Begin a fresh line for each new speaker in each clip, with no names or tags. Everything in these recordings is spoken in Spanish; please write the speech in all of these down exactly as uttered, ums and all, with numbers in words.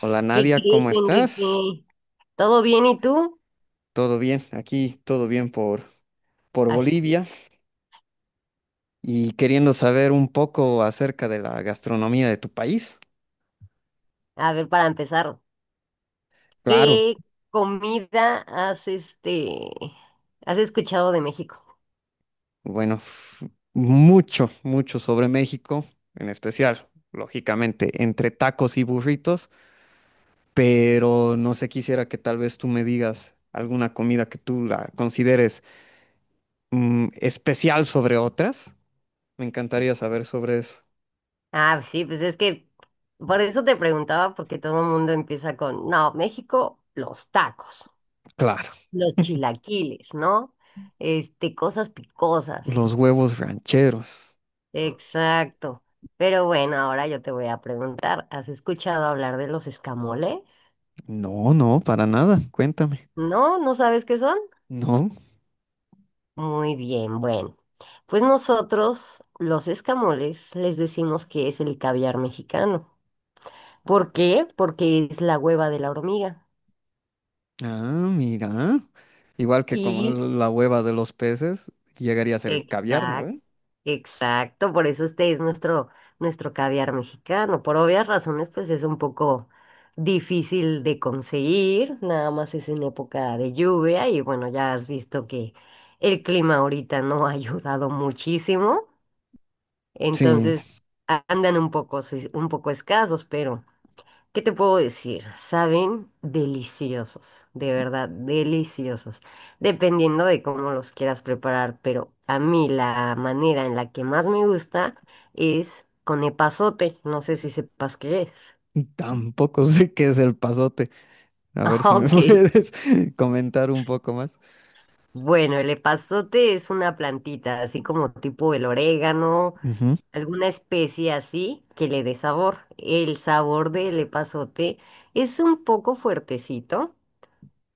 Hola
¿Qué
Nadia,
crees,
¿cómo estás?
Enrique? ¿Todo bien y tú?
Todo bien, aquí todo bien por, por
Ay,
Bolivia y queriendo saber un poco acerca de la gastronomía de tu país.
a ver, para empezar,
Claro,
¿qué comida has este has escuchado de México?
bueno, f- mucho, mucho sobre México, en especial, lógicamente, entre tacos y burritos, pero no sé, quisiera que tal vez tú me digas alguna comida que tú la consideres mm, especial sobre otras. Me encantaría saber sobre eso.
Ah, sí, pues es que por eso te preguntaba, porque todo el mundo empieza con, no, México, los tacos,
Claro,
los chilaquiles, ¿no? Este, cosas picosas.
los huevos rancheros.
Exacto. Pero bueno, ahora yo te voy a preguntar, ¿has escuchado hablar de los escamoles?
No, no, para nada, cuéntame.
¿No? ¿No sabes qué son?
No.
Muy bien, bueno. Pues nosotros, los escamoles, les decimos que es el caviar mexicano. ¿Por qué? Porque es la hueva de la hormiga.
Ah, mira. Igual que como
Y
la hueva de los peces, llegaría a ser caviar, ¿no?
exacto,
¿Ve?
exacto, por eso este es nuestro, nuestro caviar mexicano. Por obvias razones, pues es un poco difícil de conseguir, nada más es en época de lluvia y bueno, ya has visto que el clima ahorita no ha ayudado muchísimo.
Sí,
Entonces, a- andan un poco, sí, un poco escasos, pero ¿qué te puedo decir? Saben deliciosos, de verdad, deliciosos, dependiendo de cómo los quieras preparar, pero a mí la manera en la que más me gusta es con epazote, no sé si sepas qué es.
tampoco sé qué es el pasote. A ver si me
Ok.
puedes comentar un poco más.
Bueno, el epazote es una plantita, así como tipo el orégano,
Ujú.
alguna especie así que le dé sabor. El sabor del epazote es un poco fuertecito,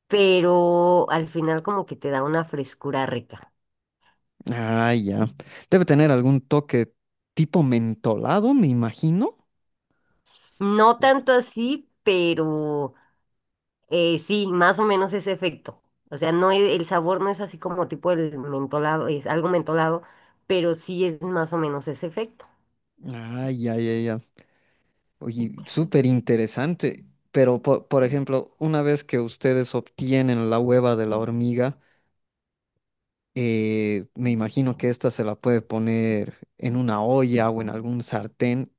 pero al final como que te da una frescura rica.
Ah, ya. Debe tener algún toque tipo mentolado, me imagino.
No tanto así, pero eh, sí, más o menos ese efecto. O sea, no e- el sabor no es así como tipo el mentolado, es algo mentolado, pero sí es más o menos ese efecto.
Ah, ya, ya, ya. Oye, súper interesante. Pero, po- por ejemplo, una vez que ustedes obtienen la hueva de la hormiga, Eh, me imagino que esta se la puede poner en una olla o en algún sartén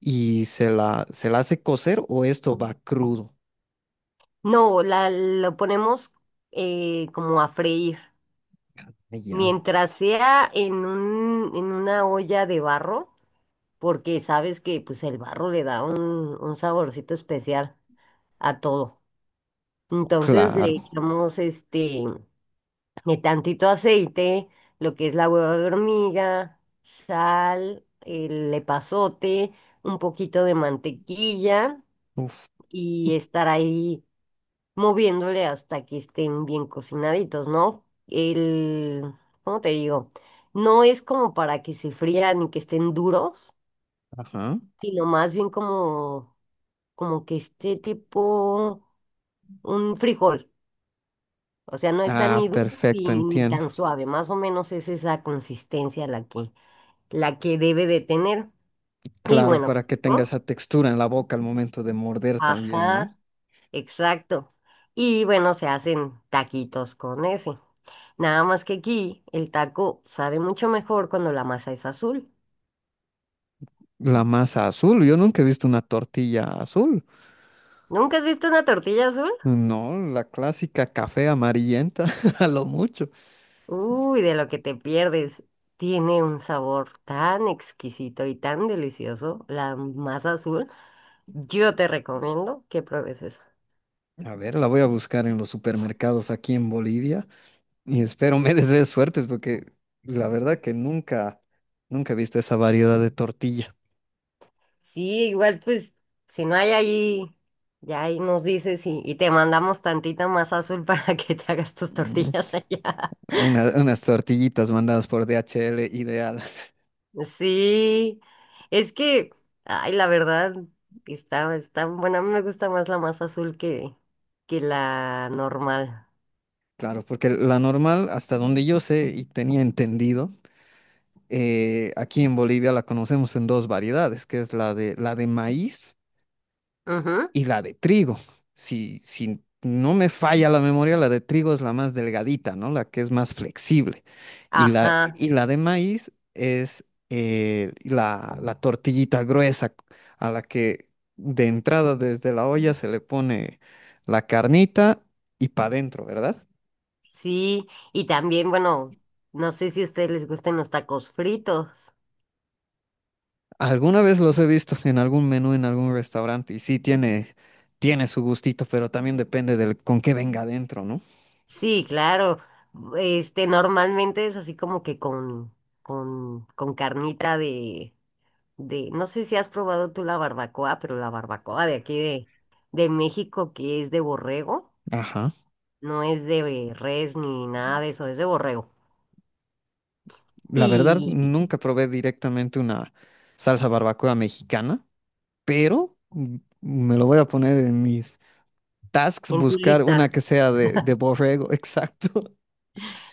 y se la, se la hace cocer o esto va crudo.
No, la, lo ponemos eh, como a freír.
Ah, ya,
Mientras sea en un, en una olla de barro, porque sabes que pues el barro le da un, un saborcito especial a todo. Entonces le
claro.
echamos este de tantito aceite, lo que es la hueva de hormiga, sal, el epazote, un poquito de mantequilla
Uf,
y estar ahí moviéndole hasta que estén bien cocinaditos, ¿no? El, ¿cómo te digo? No es como para que se frían y que estén duros,
ajá.
sino más bien como, como que esté tipo un frijol. O sea, no está
Ah,
ni duro ni,
perfecto,
ni
entiendo.
tan suave, más o menos es esa consistencia la que, la que debe de tener. Y
Claro,
bueno,
para que tenga
¿no?
esa textura en la boca al momento de morder también, ¿no?
Ajá, exacto. Y bueno, se hacen taquitos con ese. Nada más que aquí el taco sabe mucho mejor cuando la masa es azul.
La masa azul, yo nunca he visto una tortilla azul.
¿Nunca has visto una tortilla azul?
No, la clásica café amarillenta, a lo mucho.
Uy, de lo que te pierdes. Tiene un sabor tan exquisito y tan delicioso, la masa azul. Yo te recomiendo que pruebes eso.
A ver, la voy a buscar en los supermercados aquí en Bolivia. Y espero me desees suerte porque la verdad que nunca, nunca he visto esa variedad de tortilla.
Sí, igual pues, si no hay ahí, ya ahí nos dices y, y te mandamos tantita masa azul para que te hagas tus
Mm,
tortillas allá.
una- unas tortillitas mandadas por D H L, ideal.
Sí, es que, ay, la verdad, está, está buena. A mí me gusta más la más azul que, que la normal.
Claro, porque la normal, hasta donde yo sé y tenía entendido, eh, aquí en Bolivia la conocemos en dos variedades, que es la de, la de maíz
Ujú,
y la de trigo. Si, si no me falla la memoria, la de trigo es la más delgadita, ¿no? La que es más flexible. Y la,
ajá,
y la de maíz es eh, la, la tortillita gruesa a la que de entrada desde la olla se le pone la carnita y para adentro, ¿verdad?
sí. Y también, bueno, no sé si a ustedes les gusten los tacos fritos.
Alguna vez los he visto en algún menú, en algún restaurante, y sí tiene, tiene su gustito, pero también depende del con qué venga adentro, ¿no?
Sí, claro. Este, normalmente es así como que con, con, con carnita de, de, no sé si has probado tú la barbacoa, pero la barbacoa de aquí de, de México que es de borrego.
Ajá.
No es de res ni nada de eso, es de borrego.
La verdad,
Y
nunca probé directamente una salsa barbacoa mexicana, pero mm, me lo voy a poner en mis tasks,
en tu
buscar
lista.
una que sea de, de borrego, exacto.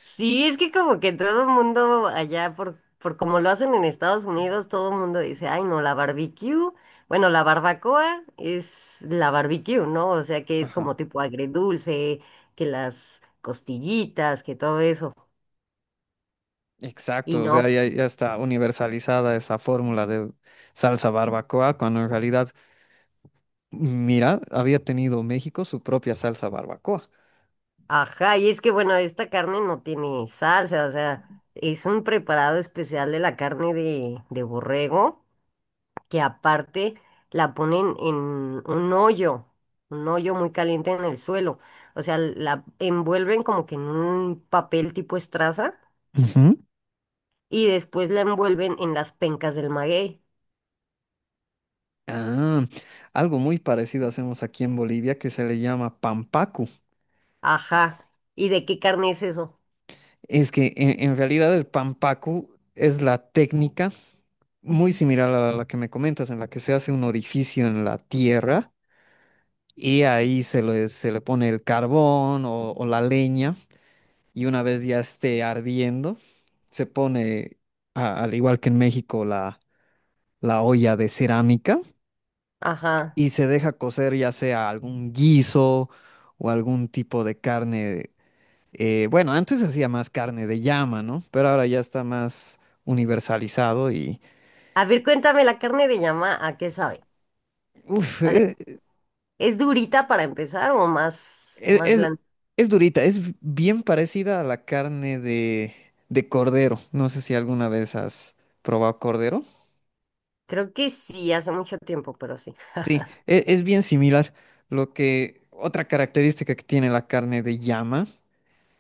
Sí, es que como que todo el mundo allá, por, por como lo hacen en Estados Unidos, todo el mundo dice, ay, no, la barbecue. Bueno, la barbacoa es la barbecue, ¿no? O sea, que es
Ajá,
como tipo agridulce, que las costillitas, que todo eso. Y
exacto, o sea,
no,
ya, ya está universalizada esa fórmula de salsa barbacoa, cuando en realidad, mira, había tenido México su propia salsa barbacoa.
ajá, y es que bueno, esta carne no tiene salsa, o sea, es un preparado especial de la carne de, de borrego que aparte la ponen en un hoyo, un hoyo muy caliente en el suelo. O sea, la envuelven como que en un papel tipo estraza
Ujú.
y después la envuelven en las pencas del maguey.
Ah, algo muy parecido hacemos aquí en Bolivia que se le llama pampacu.
Ajá. ¿Y de qué carne es eso?
Es que en, en realidad el pampaku es la técnica muy similar a la que me comentas, en la que se hace un orificio en la tierra y ahí se le, se le pone el carbón o, o la leña y una vez ya esté ardiendo, se pone, a- al igual que en México, la, la olla de cerámica
Ajá.
y se deja cocer ya sea algún guiso o algún tipo de carne. Eh, bueno, antes se hacía más carne de llama, ¿no? Pero ahora ya está más universalizado y...
A ver, cuéntame, la carne de llama, ¿a qué sabe?
Uf,
O sea,
e-
¿es durita para empezar o más,
e-
más
es,
blanda?
es durita, es bien parecida a la carne de, de cordero. No sé si alguna vez has probado cordero.
Creo que sí, hace mucho tiempo, pero sí.
Sí, e- es, bien similar. Lo que... Otra característica que tiene la carne de llama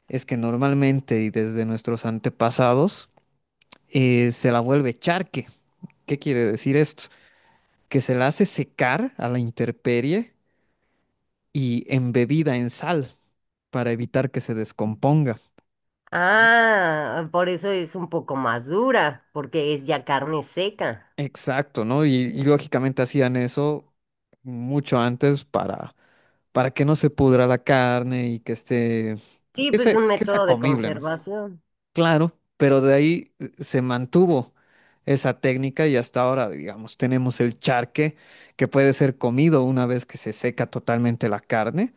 es que normalmente y desde nuestros antepasados eh, se la vuelve charque. ¿Qué quiere decir esto? Que se la hace secar a la intemperie y embebida en sal para evitar que se descomponga. ¿No?
Ah, por eso es un poco más dura, porque es ya carne seca.
Exacto, ¿no? Y, y lógicamente hacían eso mucho antes para, para que no se pudra la carne y que esté,
Sí,
que
pues
sea,
un
que sea
método de
comible, ¿no?
conservación.
Claro, pero de ahí eh, se mantuvo esa técnica y hasta ahora, digamos, tenemos el charque que puede ser comido una vez que se seca totalmente la carne,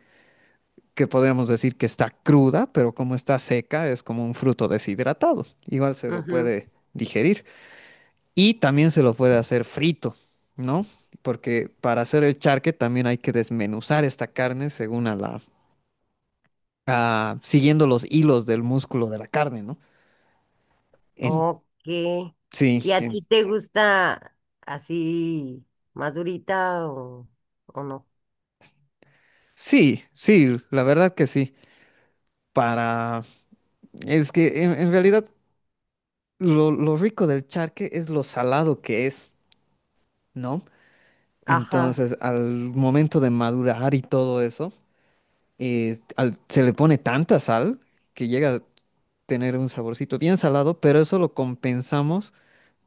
que podríamos decir que está cruda, pero como está seca, es como un fruto deshidratado. Igual se lo
Ujú.
puede digerir. Y también se lo puede hacer frito, ¿no? Porque para hacer el charque también hay que desmenuzar esta carne según a la, a- siguiendo los hilos del músculo de la carne, ¿no? En-
Ok.
sí,
¿Y a ti
en-
te gusta así más durita o, o no?
sí, sí, la verdad que sí. Para, es que en, en realidad lo, lo rico del charque es lo salado que es, ¿no?
Ajá.
Entonces, al momento de madurar y todo eso, eh, al- se le pone tanta sal que llega a tener un saborcito bien salado, pero eso lo compensamos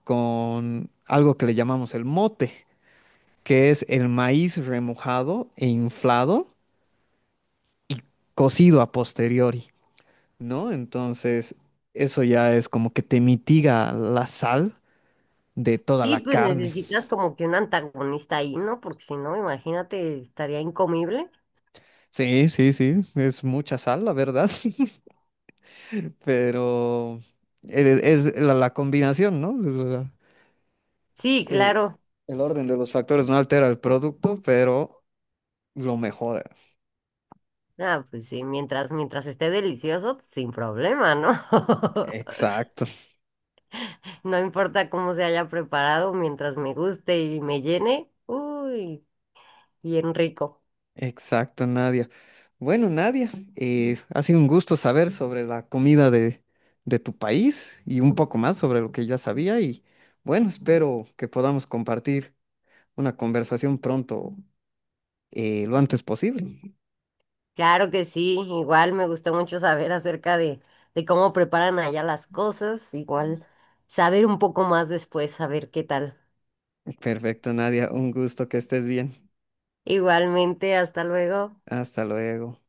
con algo que le llamamos el mote, que es el maíz remojado e inflado, cocido a posteriori, ¿no? Entonces, eso ya es como que te mitiga la sal de toda
Sí,
la
pues
carne.
necesitas como que un antagonista ahí, ¿no? Porque si no, imagínate, estaría incomible.
Sí, sí, sí, es mucha sal, la verdad. Pero el- es la, la combinación, ¿no? La-
Sí,
el,
claro.
el orden de los factores no altera el producto, pero lo mejora.
Ah, pues sí, mientras, mientras esté delicioso, sin problema, ¿no?
Exacto,
No importa cómo se haya preparado, mientras me guste y me llene, uy, bien rico.
exacto, Nadia. Bueno, Nadia, eh, ha sido un gusto saber sobre la comida de, de tu país y un poco más sobre lo que ya sabía y bueno, espero que podamos compartir una conversación pronto, eh, lo antes posible.
Claro que sí, igual me gustó mucho saber acerca de, de cómo preparan allá las cosas, igual saber un poco más después, saber qué tal.
Perfecto, Nadia, un gusto que estés bien.
Igualmente, hasta luego.
Hasta luego.